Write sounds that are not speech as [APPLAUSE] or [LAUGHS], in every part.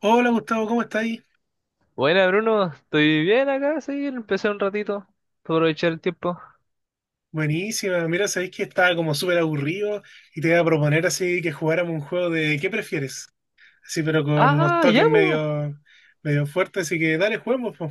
Hola Gustavo, ¿cómo estáis? Buena, Bruno, estoy bien acá, sí, empecé un ratito para aprovechar el tiempo. Buenísima, mira, sabéis que estaba como súper aburrido y te iba a proponer así que jugáramos un juego de ¿qué prefieres? Así, pero con unos Ah, ya, toques po. Medio fuertes, así que dale, juguemos, po.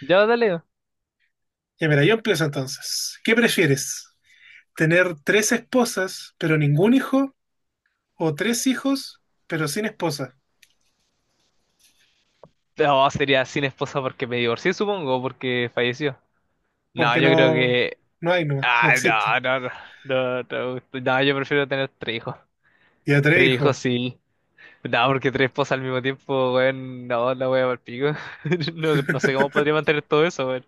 Ya, dale. Ya mira, yo empiezo entonces. ¿Qué prefieres? ¿Tener tres esposas pero ningún hijo? ¿O tres hijos pero sin esposa? No, sería sin esposa porque me divorcié, supongo, porque falleció. No, Porque yo creo no, que... no hay nomás, no Ah, existe. no, no, no, no, no, no, yo prefiero tener tres hijos. Ya tres Tres hijos, hijos, sí. No, porque tres esposas al mismo tiempo, weón, no, la voy a pico. [LAUGHS] No, no sé cómo podría mantener todo eso, weón.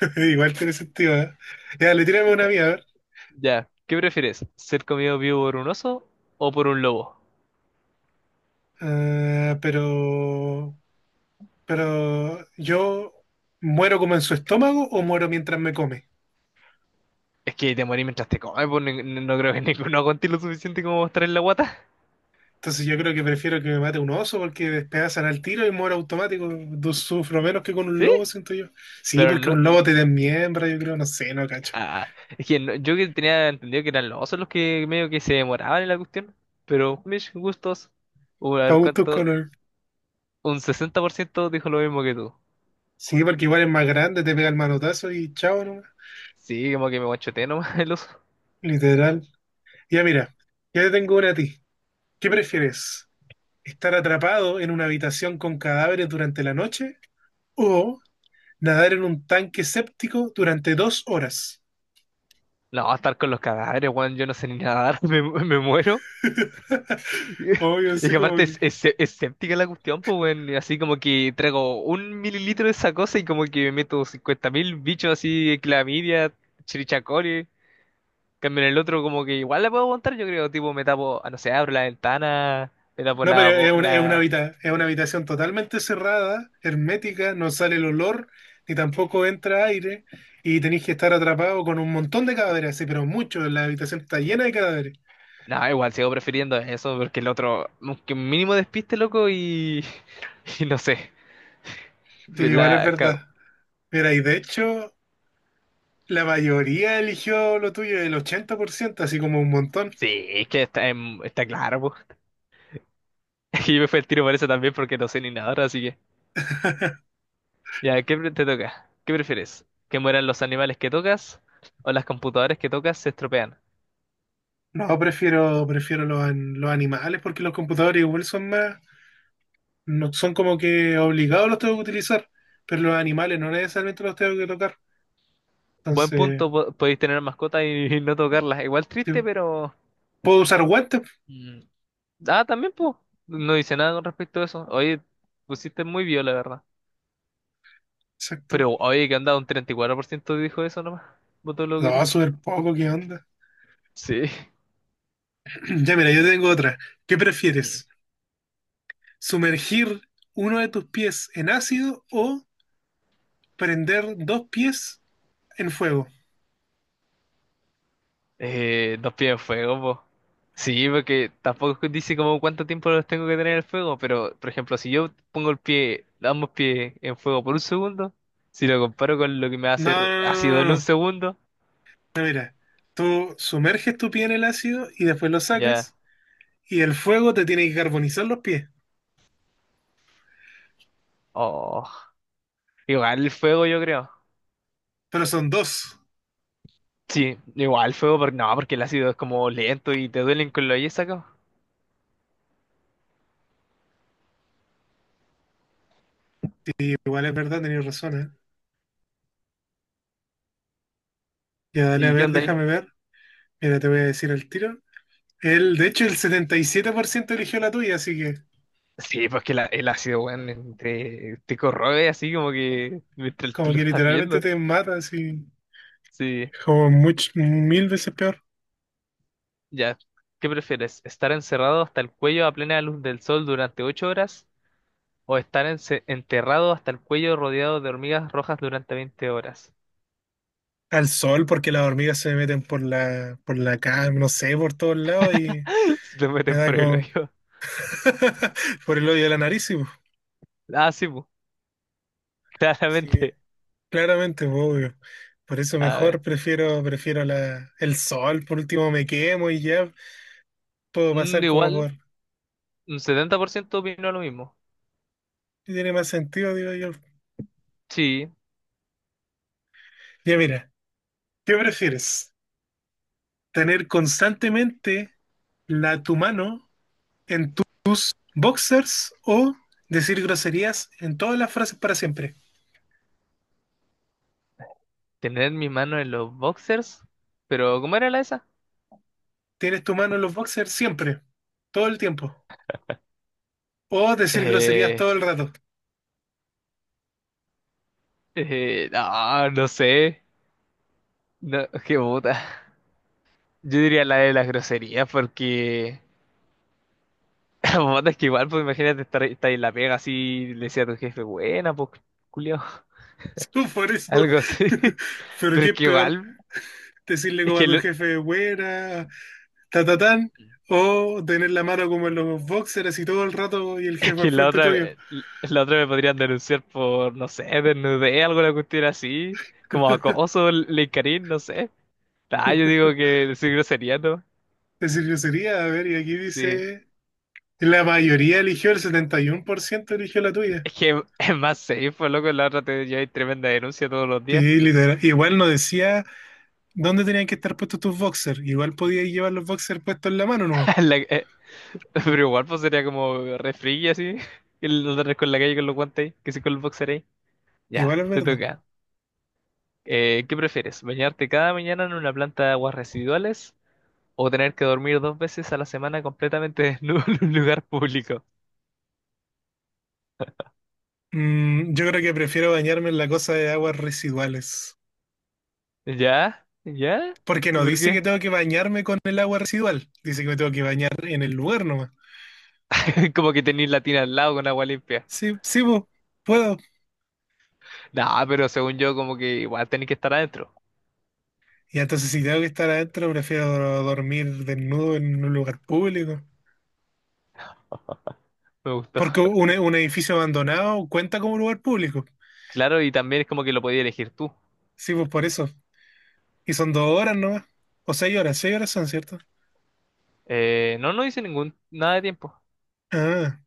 [LAUGHS] igual tiene sentido, ¿eh? Ya, le tiramos una mía, a ver. Ya, ¿qué prefieres? ¿Ser comido vivo por un oso o por un lobo? Ah, pero yo muero como en su estómago o muero mientras me come. Es que te morí mientras te comes, pues no, creo que [LAUGHS] ninguno aguante lo suficiente como mostrar en la guata. Entonces yo creo que prefiero que me mate un oso porque despedazan al tiro y muero automático. Sufro menos que con un ¿Sí? lobo, siento yo. Sí, Pero porque no... un n- lobo te desmiembra, yo creo, no sé, no cacho. Ah, es que yo que tenía entendido que eran los osos los que medio que se demoraban en la cuestión. Pero mis gustos, a A ver gustos cuánto... color. Un 60% dijo lo mismo que tú. Sí, porque igual es más grande, te pega el manotazo y chao nomás. Sí, como que me guachoteé nomás el oso. Literal. Ya mira, ya te tengo una a ti. ¿Qué prefieres? ¿Estar atrapado en una habitación con cadáveres durante la noche o nadar en un tanque séptico durante 2 horas? No, estar con los cadáveres, weón, yo no sé ni nadar, [LAUGHS] me muero. [LAUGHS] Obvio, Y así que como aparte es, que. es, es séptica la cuestión, pues, weón. Y así como que traigo un mililitro de esa cosa y como que me meto 50.000 bichos así, clamidia, chirichacori. Cambio en el otro como que igual la puedo aguantar, yo creo. Tipo, me tapo, no sé, abro la ventana, me tapo No, pero la... es una habitación totalmente cerrada, hermética, no sale el olor, ni tampoco entra aire, y tenéis que estar atrapado con un montón de cadáveres, sí, pero muchos, la habitación está llena de cadáveres. No, igual sigo prefiriendo eso porque el otro, que un mínimo despiste, loco, y... [LAUGHS] Y no sé, Sí, igual es la verdad. cago. Mira, y de hecho, la mayoría eligió lo tuyo, el 80%, así como un montón. Sí, es que está claro, pues. [LAUGHS] Y me fue el tiro por eso también porque no sé ni nada, así que... [LAUGHS] Ya, te toca? ¿Qué prefieres? ¿Que mueran los animales que tocas o las computadoras que tocas se estropean? No, prefiero los animales porque los computadores igual son más, no son como que obligados los tengo que utilizar, pero los animales no necesariamente los tengo que tocar. Buen Entonces, punto, podéis tener mascotas y, [LAUGHS] no tocarlas. Igual sí, triste, pero... puedo usar guantes, mm, Ah, también, pues. No dice nada con respecto a eso. Oye, pusiste muy bien, la verdad. exacto. Pero, oye, que anda un 34% dijo eso nomás. Votó lo que No, tú. súper poco, ¿qué onda? Sí. [CLEARS THROAT] Ya mira, yo tengo otra. ¿Qué prefieres? ¿Sumergir uno de tus pies en ácido o prender dos pies en fuego? Dos pies de fuego, po. Sí, porque tampoco dice como cuánto tiempo los tengo que tener en el fuego, pero por ejemplo, si yo pongo el pie, ambos pies en fuego por un segundo, si lo comparo con lo que me va a No, hacer no, ácido no, en no, un no. segundo, No, mira, tú sumerges tu pie en el ácido y después lo ya. sacas y el fuego te tiene que carbonizar los pies. Oh, igual el fuego, yo creo. Pero son dos. Sí, igual el fuego, porque no, porque el ácido es como lento y te duelen con lo yes acá. Igual es verdad, tenías razón, ¿eh? Ya dale, a ¿Y qué ver, onda ahí? déjame ver. Mira, te voy a decir al tiro. Él, de hecho, el 77% eligió la tuya, así que Sí, pues que el ácido, weón, te corroe así como que mientras tú como lo que estás literalmente viendo. te mata, así Sí. Mil veces peor. Ya, ¿qué prefieres? ¿Estar encerrado hasta el cuello a plena luz del sol durante 8 horas o estar enterrado hasta el cuello rodeado de hormigas rojas durante 20 horas? Al sol, porque las hormigas se me meten por la cara, no sé, por todos lados y [LAUGHS] Se te me meten da por el como hoyo. [LAUGHS] por el hoyo de la nariz. Y, pues, Ah, sí, pu, [LAUGHS] sí, claramente. claramente, pues, obvio. Por eso A mejor ver, prefiero el sol, por último me quemo y ya puedo pasar como igual, por. un 70% opinó lo mismo. Tiene más sentido, digo yo. Sí, Ya mira. ¿Qué prefieres? ¿Tener constantemente tu mano en tus boxers o decir groserías en todas las frases para siempre? tener mi mano en los boxers, pero ¿cómo era la esa? Tienes tu mano en los boxers siempre, todo el tiempo. O decir groserías Eh, todo el rato. [LAUGHS] No, no sé. No, qué puta. Yo diría la de las groserías porque... [LAUGHS] Puta, es que igual, pues imagínate estar en la pega así, le decía a tu jefe, buena, pues, culiao, Solo por eso. algo así. [LAUGHS] [LAUGHS] Pero Pero qué es es que peor, igual, decirle es como a tu jefe, buena, ta, ta, tan, o tener la mano como en los boxers y todo el rato y el es jefe al que frente tuyo. la otra me podrían denunciar por, no sé, desnudez, alguna cuestión así, como acoso, linkarín, no sé. Ah, yo digo que decir grosería, ¿no? Decir grosería, a ver, y aquí Sí. dice. La mayoría eligió, el 71% eligió la tuya. Es que [LAUGHS] es más safe, pues, loco, la otra te lleva tremenda denuncia todos los Sí, días. literal. Igual no decía dónde tenían que estar puestos tus boxers. Igual podías llevar los boxers puestos en la mano, ¿no? [LAUGHS] La- eh, pero igual, pues, sería como refri así, [LAUGHS] que lo andas con la calle con los guantes, ahí, que sí con el boxer ahí. Ya, Igual es te verdad. toca. ¿Qué prefieres? ¿Bañarte cada mañana en una planta de aguas residuales o tener que dormir dos veces a la semana completamente desnudo [LAUGHS] en un lugar público? Mm, yo creo que prefiero bañarme en la cosa de aguas residuales. ¿Ya? ¿Ya? Porque ¿Y no por dice que qué? tengo que bañarme con el agua residual. Dice que me tengo que bañar en el lugar nomás. [LAUGHS] Como que tenéis la tina al lado con agua limpia. Sí, sí, po, puedo. Nah, pero según yo, como que igual tenéis que estar adentro. Y entonces si tengo que estar adentro, prefiero dormir desnudo en un lugar público. Me gustó. Porque un edificio abandonado cuenta como lugar público. Claro, y también es como que lo podías elegir tú. Sí, pues por eso. Y son 2 horas nomás. O 6 horas, 6 horas son, ¿cierto? No, no hice ningún, nada de tiempo. Ah,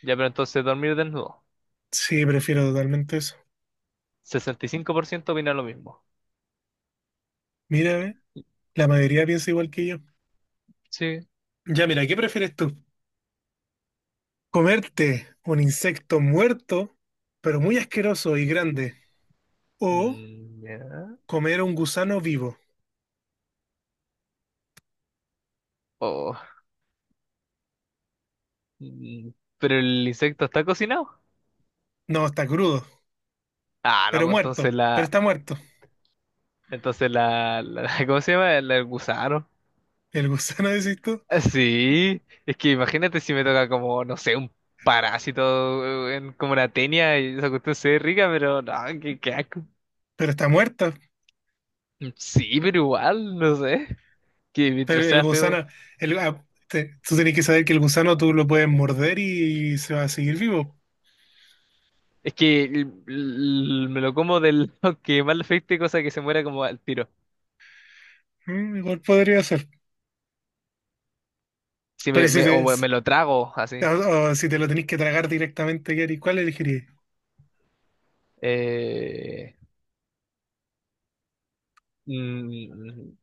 Ya, pero entonces dormir desnudo. sí, prefiero totalmente eso. 65% opina lo mismo. Mira, ve, la mayoría piensa igual que yo. Sí. Ya, mira, ¿qué prefieres tú? ¿Comerte un insecto muerto, pero muy asqueroso y grande? ¿O Ya. comer un gusano vivo? Oh, Mm, pero el insecto está cocinado. No, está crudo, Ah, no, pero pues entonces muerto, pero la. está muerto. Entonces [LAUGHS] ¿Cómo se llama? El gusano. El gusano, [LAUGHS] decís tú, Ah, sí, es que imagínate si me toca como, no sé, un parásito en, como una tenia y esa cuestión se ve rica, pero no, qué, qué asco. pero está muerto. Sí, pero igual, no sé. Que Pero mientras el sea feo. gusano, tú tenés que saber que el gusano tú lo puedes morder y, se va a seguir vivo. Es que me lo como del lado [LAUGHS] que más le afecte, cosa que se muera como al tiro. Mm, igual podría ser. Si Pero o me lo trago así. O si te lo tenés que tragar directamente, ¿qué harías? ¿Cuál elegirías? Eh, mm,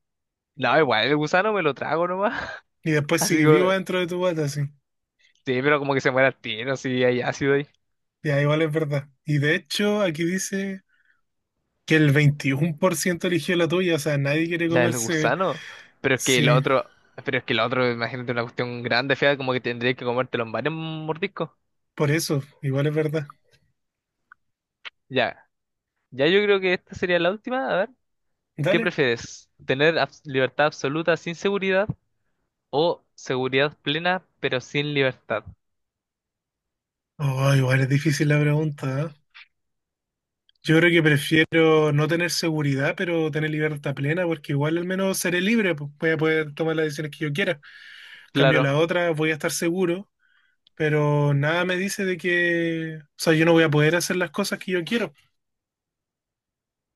No, igual, el gusano me lo trago nomás. [LAUGHS] Y después Así sigue vivo que, dentro de tu bata, sí. sí, pero como que se muere al tiro, si hay ácido ahí. Ya, igual es verdad. Y de hecho, aquí dice que el 21% eligió la tuya, o sea, nadie quiere La del comerse. gusano. Pero es que el Sí, otro, pero es que el otro, imagínate una cuestión grande, fea, como que tendrías que comértelo en varios mordiscos. por eso, igual es verdad. Ya, ya yo creo que esta sería la última. A ver, ¿qué Dale. prefieres? ¿Tener libertad absoluta sin seguridad o seguridad plena pero sin libertad? Oh, igual es difícil la pregunta, ¿eh? Yo creo que prefiero Mm. no tener seguridad, pero tener libertad plena, porque igual al menos seré libre, pues voy a poder tomar las decisiones que yo quiera. Cambio la Claro. otra, voy a estar seguro, pero nada me dice de que, o sea, yo no voy a poder hacer las cosas que yo quiero.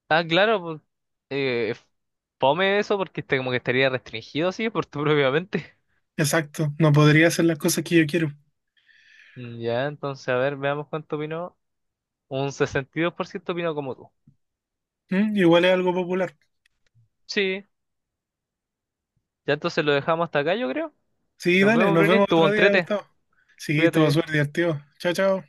Ah, claro, pues, eh, fome eso porque este como que estaría restringido así por tu propia mente. Exacto, no podría hacer las cosas que yo quiero. Ya, entonces, a ver, veamos cuánto opinó. Un 62% opinó como tú. Mm, igual es algo popular. Sí, ya entonces lo dejamos hasta acá, yo creo. Sí, Nos dale, vemos, nos Bruni. vemos Estuvo otro día, entrete. Gustavo. Sí, todo Cuídate. suerte, tío. Chao, chao.